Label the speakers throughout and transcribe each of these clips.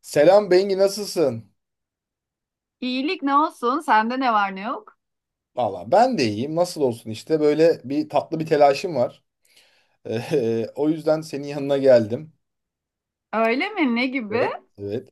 Speaker 1: Selam Bengi, nasılsın?
Speaker 2: İyilik ne olsun? Sende ne var ne yok?
Speaker 1: Valla ben de iyiyim. Nasıl olsun işte, böyle bir tatlı bir telaşım var. O yüzden senin yanına geldim.
Speaker 2: Öyle mi? Ne gibi?
Speaker 1: Evet. Evet.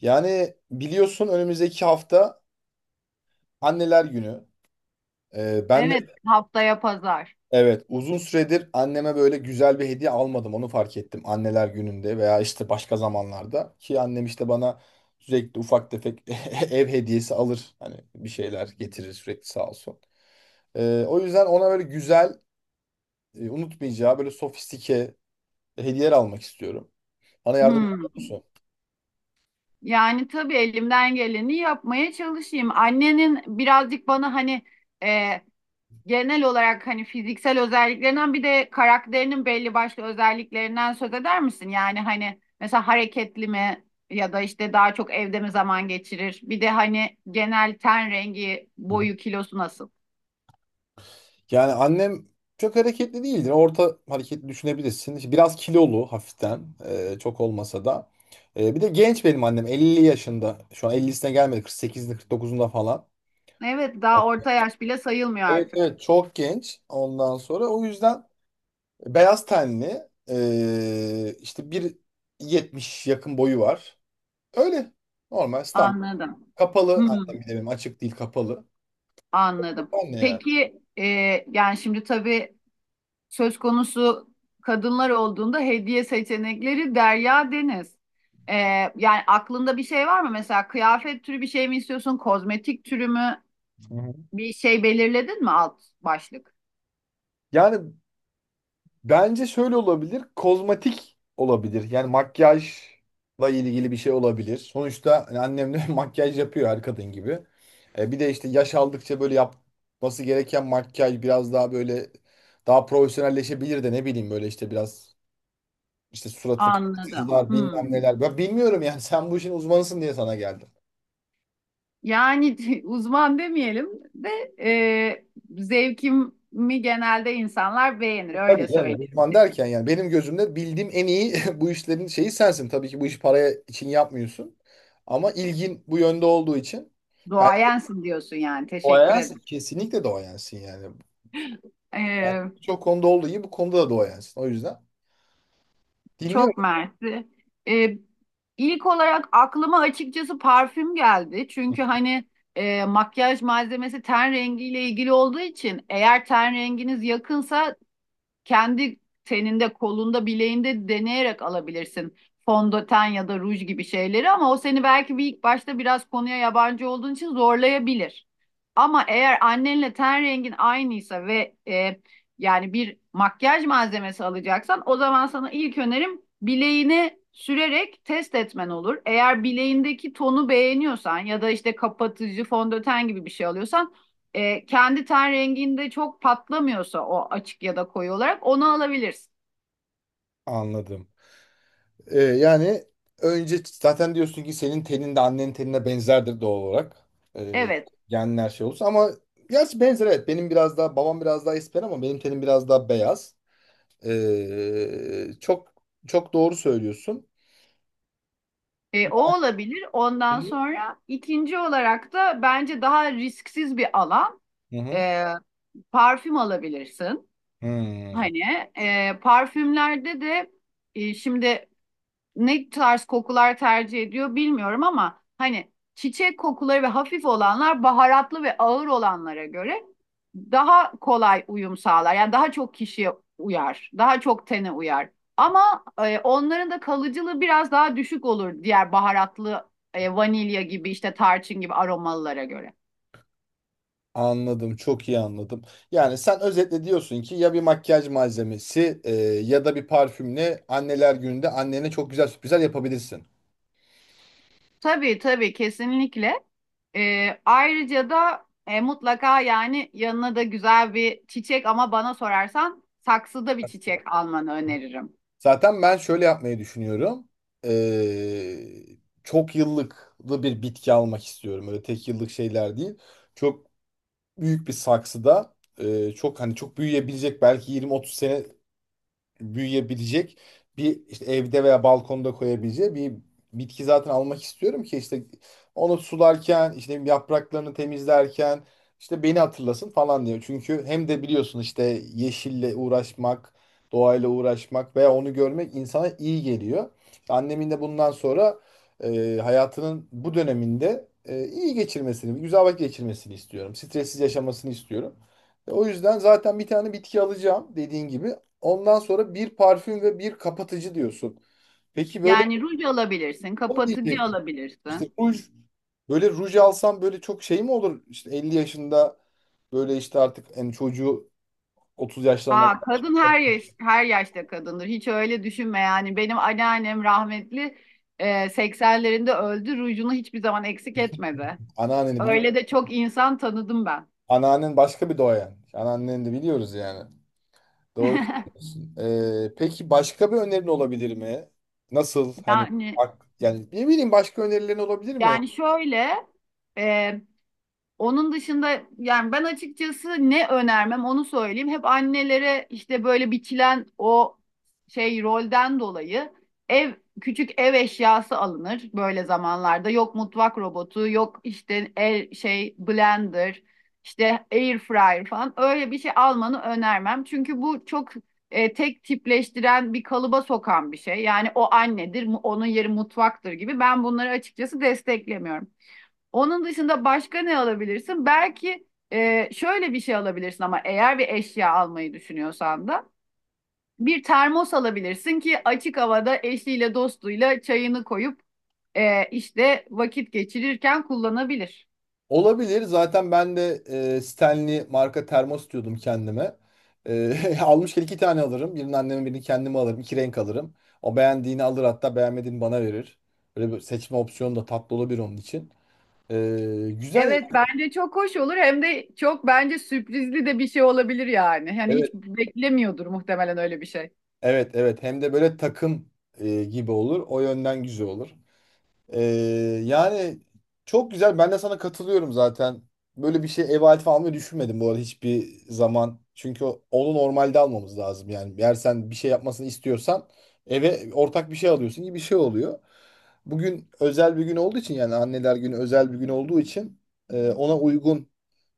Speaker 1: Yani biliyorsun, önümüzdeki hafta Anneler Günü. Ben de
Speaker 2: Evet, haftaya pazar.
Speaker 1: evet, uzun süredir anneme böyle güzel bir hediye almadım. Onu fark ettim Anneler Günü'nde veya işte başka zamanlarda. Ki annem işte bana sürekli ufak tefek ev hediyesi alır. Hani bir şeyler getirir sürekli, sağ olsun. O yüzden ona böyle güzel, unutmayacağı, böyle sofistike hediyeler almak istiyorum. Bana yardımcı
Speaker 2: Hmm.
Speaker 1: olur musun?
Speaker 2: Yani tabii elimden geleni yapmaya çalışayım. Annenin birazcık bana hani e, genel olarak hani fiziksel özelliklerinden bir de karakterinin belli başlı özelliklerinden söz eder misin? Yani hani mesela hareketli mi ya da işte daha çok evde mi zaman geçirir? Bir de hani genel ten rengi,
Speaker 1: Hı.
Speaker 2: boyu, kilosu nasıl?
Speaker 1: Yani annem çok hareketli değildir. Orta hareketli düşünebilirsin. İşte biraz kilolu hafiften, çok olmasa da. Bir de genç benim annem, 50 yaşında. Şu an 50'sine gelmedi. Kırk sekizinde, kırk dokuzunda falan.
Speaker 2: Evet, daha orta yaş bile sayılmıyor
Speaker 1: Evet,
Speaker 2: artık.
Speaker 1: evet, çok genç ondan sonra, o yüzden beyaz tenli, işte 1,70 yakın boyu var. Öyle normal, standart,
Speaker 2: Anladım.
Speaker 1: kapalı
Speaker 2: Hmm,
Speaker 1: annem, bir de benim açık değil, kapalı.
Speaker 2: anladım.
Speaker 1: Anne yani.
Speaker 2: Peki yani şimdi tabii söz konusu kadınlar olduğunda hediye seçenekleri derya deniz. E, yani aklında bir şey var mı? Mesela kıyafet türü bir şey mi istiyorsun? Kozmetik türü mü?
Speaker 1: Hı hı.
Speaker 2: Bir şey belirledin mi alt başlık?
Speaker 1: Yani bence şöyle olabilir. Kozmetik olabilir. Yani makyajla ilgili bir şey olabilir. Sonuçta hani annem de makyaj yapıyor her kadın gibi. Bir de işte yaş aldıkça böyle yapması gereken makyaj biraz daha böyle daha profesyonelleşebilir de, ne bileyim, böyle işte biraz, işte suratını
Speaker 2: Anladım.
Speaker 1: kapatıcılar,
Speaker 2: Hmm.
Speaker 1: bilmem neler. Ben bilmiyorum yani, sen bu işin uzmanısın diye sana geldim.
Speaker 2: Yani uzman demeyelim de e, zevkimi genelde insanlar beğenir,
Speaker 1: Tabii
Speaker 2: öyle
Speaker 1: canım.
Speaker 2: söyleyeyim.
Speaker 1: Uzman derken yani benim gözümde bildiğim en iyi bu işlerin şeyi sensin. Tabii ki bu işi paraya için yapmıyorsun. Ama ilgin bu yönde olduğu için, ben,
Speaker 2: Duayensin diyorsun yani. Teşekkür
Speaker 1: doğayansın.
Speaker 2: ederim.
Speaker 1: Kesinlikle doğayansın yani. Yani
Speaker 2: Ee,
Speaker 1: birçok konuda olduğu gibi bu konuda da doğayansın. O yüzden
Speaker 2: çok
Speaker 1: dinliyorum.
Speaker 2: mersi. Ee, ilk olarak aklıma açıkçası parfüm geldi. Çünkü hani makyaj malzemesi ten rengiyle ilgili olduğu için eğer ten renginiz yakınsa kendi teninde, kolunda, bileğinde deneyerek alabilirsin. Fondöten ya da ruj gibi şeyleri, ama o seni belki bir ilk başta biraz konuya yabancı olduğun için zorlayabilir. Ama eğer annenle ten rengin aynıysa ve yani bir makyaj malzemesi alacaksan, o zaman sana ilk önerim bileğini sürerek test etmen olur. Eğer bileğindeki tonu beğeniyorsan ya da işte kapatıcı fondöten gibi bir şey alıyorsan kendi ten renginde çok patlamıyorsa o açık ya da koyu olarak onu alabilirsin.
Speaker 1: Anladım. Yani önce zaten diyorsun ki senin tenin de annenin tenine benzerdir doğal olarak. Ee,
Speaker 2: Evet.
Speaker 1: genler şey olursa ama, gerçi benzer, evet. Benim biraz daha babam biraz daha esmer ama benim tenim biraz daha beyaz. Çok çok doğru söylüyorsun.
Speaker 2: E, o olabilir.
Speaker 1: Hı
Speaker 2: Ondan sonra ikinci olarak da bence daha risksiz bir alan,
Speaker 1: hı.
Speaker 2: e, parfüm alabilirsin.
Speaker 1: Hmm.
Speaker 2: Hani parfümlerde de şimdi ne tarz kokular tercih ediyor bilmiyorum, ama hani çiçek kokuları ve hafif olanlar baharatlı ve ağır olanlara göre daha kolay uyum sağlar. Yani daha çok kişiye uyar, daha çok tene uyar. Ama onların da kalıcılığı biraz daha düşük olur diğer baharatlı vanilya gibi işte tarçın gibi aromalılara göre.
Speaker 1: Anladım, çok iyi anladım. Yani sen özetle diyorsun ki, ya bir makyaj malzemesi ya da bir parfümle anneler gününde annene çok güzel sürprizler yapabilirsin.
Speaker 2: Tabii tabii kesinlikle. Ayrıca da mutlaka yani yanına da güzel bir çiçek, ama bana sorarsan saksıda bir çiçek almanı öneririm.
Speaker 1: Zaten ben şöyle yapmayı düşünüyorum. Ee, çok yıllıklı bir bitki almak istiyorum. Öyle tek yıllık şeyler değil. Çok büyük bir saksıda, çok, hani çok büyüyebilecek, belki 20-30 sene büyüyebilecek bir, işte evde veya balkonda koyabileceği bir bitki zaten almak istiyorum. Ki işte onu sularken, işte yapraklarını temizlerken, işte beni hatırlasın falan diyor. Çünkü hem de biliyorsun işte, yeşille uğraşmak, doğayla uğraşmak veya onu görmek insana iyi geliyor. İşte annemin de bundan sonra, hayatının bu döneminde, iyi geçirmesini, güzel vakit geçirmesini istiyorum. Stressiz yaşamasını istiyorum. O yüzden zaten bir tane bitki alacağım, dediğin gibi. Ondan sonra bir parfüm ve bir kapatıcı diyorsun. Peki böyle,
Speaker 2: Yani ruj alabilirsin,
Speaker 1: o
Speaker 2: kapatıcı
Speaker 1: diyecek. İşte
Speaker 2: alabilirsin.
Speaker 1: ruj, böyle ruj alsam böyle çok şey mi olur? İşte 50 yaşında, böyle işte artık en çocuğu 30 yaşlarına,
Speaker 2: Aa, kadın her yaş, her yaşta kadındır. Hiç öyle düşünme yani. Benim anneannem rahmetli 80'lerinde öldü. Rujunu hiçbir zaman eksik etmedi.
Speaker 1: anneanneni biliyor.
Speaker 2: Öyle de çok insan tanıdım ben.
Speaker 1: Anneannen başka bir doğayan. Anneanneni de biliyoruz yani. Doğru söylüyorsun. Peki başka bir önerin olabilir mi? Nasıl, hani
Speaker 2: Yani
Speaker 1: yani, ne bileyim, başka önerilerin olabilir mi?
Speaker 2: yani şöyle e, Onun dışında yani ben açıkçası ne önermem onu söyleyeyim. Hep annelere işte böyle biçilen o şey rolden dolayı ev, küçük ev eşyası alınır böyle zamanlarda. Yok mutfak robotu, yok işte el şey blender, işte air fryer falan öyle bir şey almanı önermem. Çünkü bu çok tek tipleştiren, bir kalıba sokan bir şey. Yani o annedir, mu- onun yeri mutfaktır gibi. Ben bunları açıkçası desteklemiyorum. Onun dışında başka ne alabilirsin? Belki şöyle bir şey alabilirsin, ama eğer bir eşya almayı düşünüyorsan da bir termos alabilirsin ki açık havada eşiyle dostuyla çayını koyup işte vakit geçirirken kullanabilir.
Speaker 1: Olabilir. Zaten ben de Stanley marka termos diyordum kendime. Almışken iki tane alırım. Birini anneme, birini kendime alırım. İki renk alırım. O beğendiğini alır, hatta beğenmediğini bana verir. Böyle bir seçme opsiyonu da tatlı olabilir onun için. E, güzel.
Speaker 2: Evet, bence çok hoş olur, hem de çok bence sürprizli de bir şey olabilir yani. Hani hiç
Speaker 1: Evet.
Speaker 2: beklemiyordur muhtemelen öyle bir şey.
Speaker 1: Evet. Evet. Hem de böyle takım gibi olur. O yönden güzel olur. Ee, yani çok güzel. Ben de sana katılıyorum zaten. Böyle bir şey, ev aleti almayı düşünmedim bu arada hiçbir zaman. Çünkü onu normalde almamız lazım. Yani eğer sen bir şey yapmasını istiyorsan, eve ortak bir şey alıyorsun gibi bir şey oluyor. Bugün özel bir gün olduğu için, yani anneler günü özel bir gün olduğu için ona uygun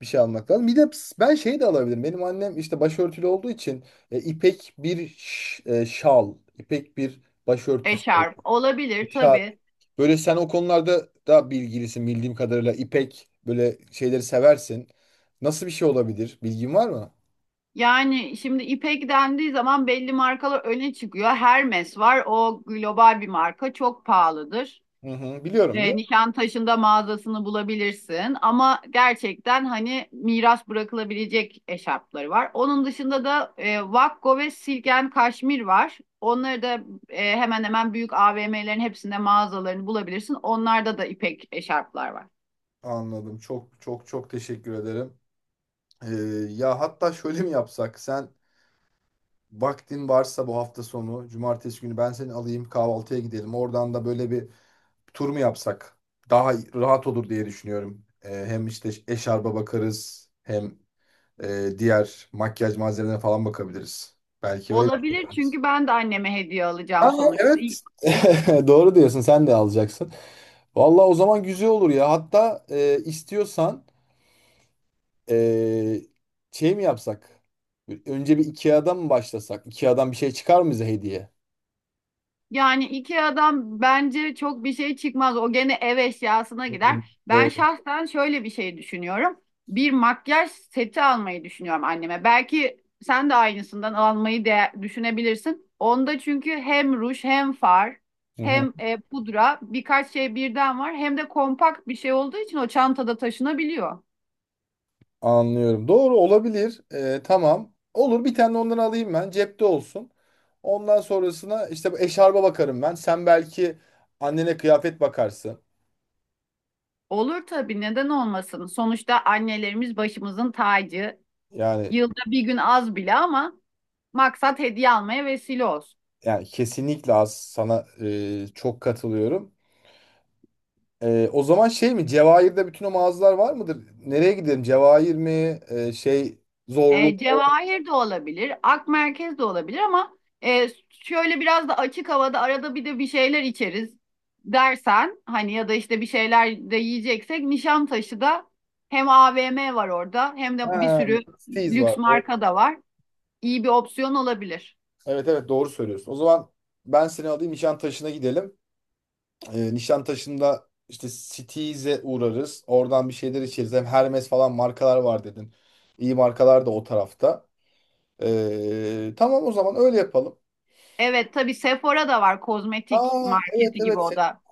Speaker 1: bir şey almak lazım. Bir de ben şey de alabilirim. Benim annem işte başörtülü olduğu için ipek bir şal, ipek bir başörtüsü,
Speaker 2: Eşarp olabilir
Speaker 1: şal.
Speaker 2: tabii.
Speaker 1: Böyle sen o konularda daha bilgilisin, bildiğim kadarıyla. İpek böyle şeyleri seversin. Nasıl bir şey olabilir? Bilgin var mı?
Speaker 2: Yani şimdi İpek dendiği zaman belli markalar öne çıkıyor. Hermes var. O global bir marka. Çok pahalıdır.
Speaker 1: Hı hı, biliyorum,
Speaker 2: E,
Speaker 1: biliyorum.
Speaker 2: Nişantaşı'nda mağazasını bulabilirsin. Ama gerçekten hani miras bırakılabilecek eşarpları var. Onun dışında da Vakko ve Silk and Kashmir var. Onları da hemen hemen büyük AVM'lerin hepsinde mağazalarını bulabilirsin. Onlarda da İpek eşarplar var.
Speaker 1: Anladım. Çok çok çok teşekkür ederim. Ee, ya hatta şöyle mi yapsak? Sen vaktin varsa bu hafta sonu, cumartesi günü, ben seni alayım, kahvaltıya gidelim. Oradan da böyle bir tur mu yapsak? Daha rahat olur diye düşünüyorum. Hem işte eşarba bakarız, hem diğer makyaj malzemelerine falan bakabiliriz. Belki öyle bir şey.
Speaker 2: Olabilir, çünkü ben de anneme hediye
Speaker 1: Aa,
Speaker 2: alacağım sonuçta. İyi-
Speaker 1: evet. Doğru diyorsun. Sen de alacaksın. Vallahi o zaman güzel olur ya. Hatta istiyorsan, e, şey mi yapsak? Önce bir IKEA'dan mı başlasak? IKEA'dan bir şey çıkar mı bize hediye?
Speaker 2: Yani IKEA'dan bence çok bir şey çıkmaz. O gene ev eşyasına
Speaker 1: Hı
Speaker 2: gider.
Speaker 1: hı.
Speaker 2: Ben
Speaker 1: Doğru.
Speaker 2: şahsen şöyle bir şey düşünüyorum. Bir makyaj seti almayı düşünüyorum anneme. Belki sen de aynısından almayı de düşünebilirsin. Onda çünkü hem ruj, hem far,
Speaker 1: Hı hı.
Speaker 2: hem pudra, birkaç şey birden var. Hem de kompakt bir şey olduğu için o çantada taşınabiliyor.
Speaker 1: Anlıyorum. Doğru olabilir. Tamam. Olur, bir tane ondan alayım ben. Cepte olsun. Ondan sonrasına işte bu eşarba bakarım ben. Sen belki annene kıyafet bakarsın.
Speaker 2: Olur tabii, neden olmasın. Sonuçta annelerimiz başımızın tacı.
Speaker 1: Yani
Speaker 2: Yılda bir gün az bile ama maksat hediye almaya vesile olsun.
Speaker 1: yani kesinlikle, az, sana çok katılıyorum. O zaman şey mi? Cevahir'de bütün o mağazalar var mıdır? Nereye gidelim? Cevahir mi? Zorlu
Speaker 2: E,
Speaker 1: mu?
Speaker 2: Cevahir de olabilir, ak merkez de olabilir, ama şöyle biraz da açık havada arada bir de bir şeyler içeriz dersen hani, ya da işte bir şeyler de yiyeceksek, Nişantaşı da hem AVM var orada, hem de bir
Speaker 1: Ha,
Speaker 2: sürü
Speaker 1: Steez var.
Speaker 2: lüks
Speaker 1: Doğru.
Speaker 2: marka da var. İyi bir opsiyon olabilir.
Speaker 1: Evet, evet, doğru söylüyorsun. O zaman ben seni alayım, Nişantaşı'na gidelim. Nişantaşı'nda işte Steez'e uğrarız. Oradan bir şeyler içeriz. Hem Hermes falan markalar var dedin. İyi markalar da o tarafta. Tamam, o zaman öyle yapalım.
Speaker 2: Evet tabii Sephora da var, kozmetik
Speaker 1: Aa, evet,
Speaker 2: marketi gibi
Speaker 1: evet
Speaker 2: o da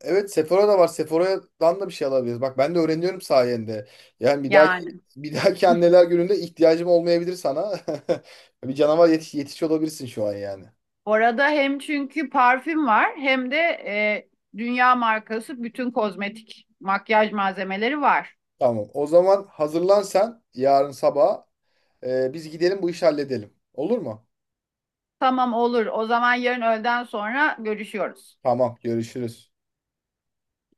Speaker 1: Evet Sephora da var. Sephora'dan da bir şey alabiliriz. Bak, ben de öğreniyorum sayende. Yani bir dahaki
Speaker 2: yani.
Speaker 1: bir dahaki anneler gününde ihtiyacım olmayabilir sana. Bir canavar yetiş, yetiş olabilirsin şu an yani.
Speaker 2: Orada hem çünkü parfüm var, hem de dünya markası bütün kozmetik makyaj malzemeleri var.
Speaker 1: Tamam. O zaman hazırlan sen yarın sabah. Biz gidelim, bu işi halledelim. Olur mu?
Speaker 2: Tamam, olur. O zaman yarın öğleden sonra görüşüyoruz.
Speaker 1: Tamam. Görüşürüz.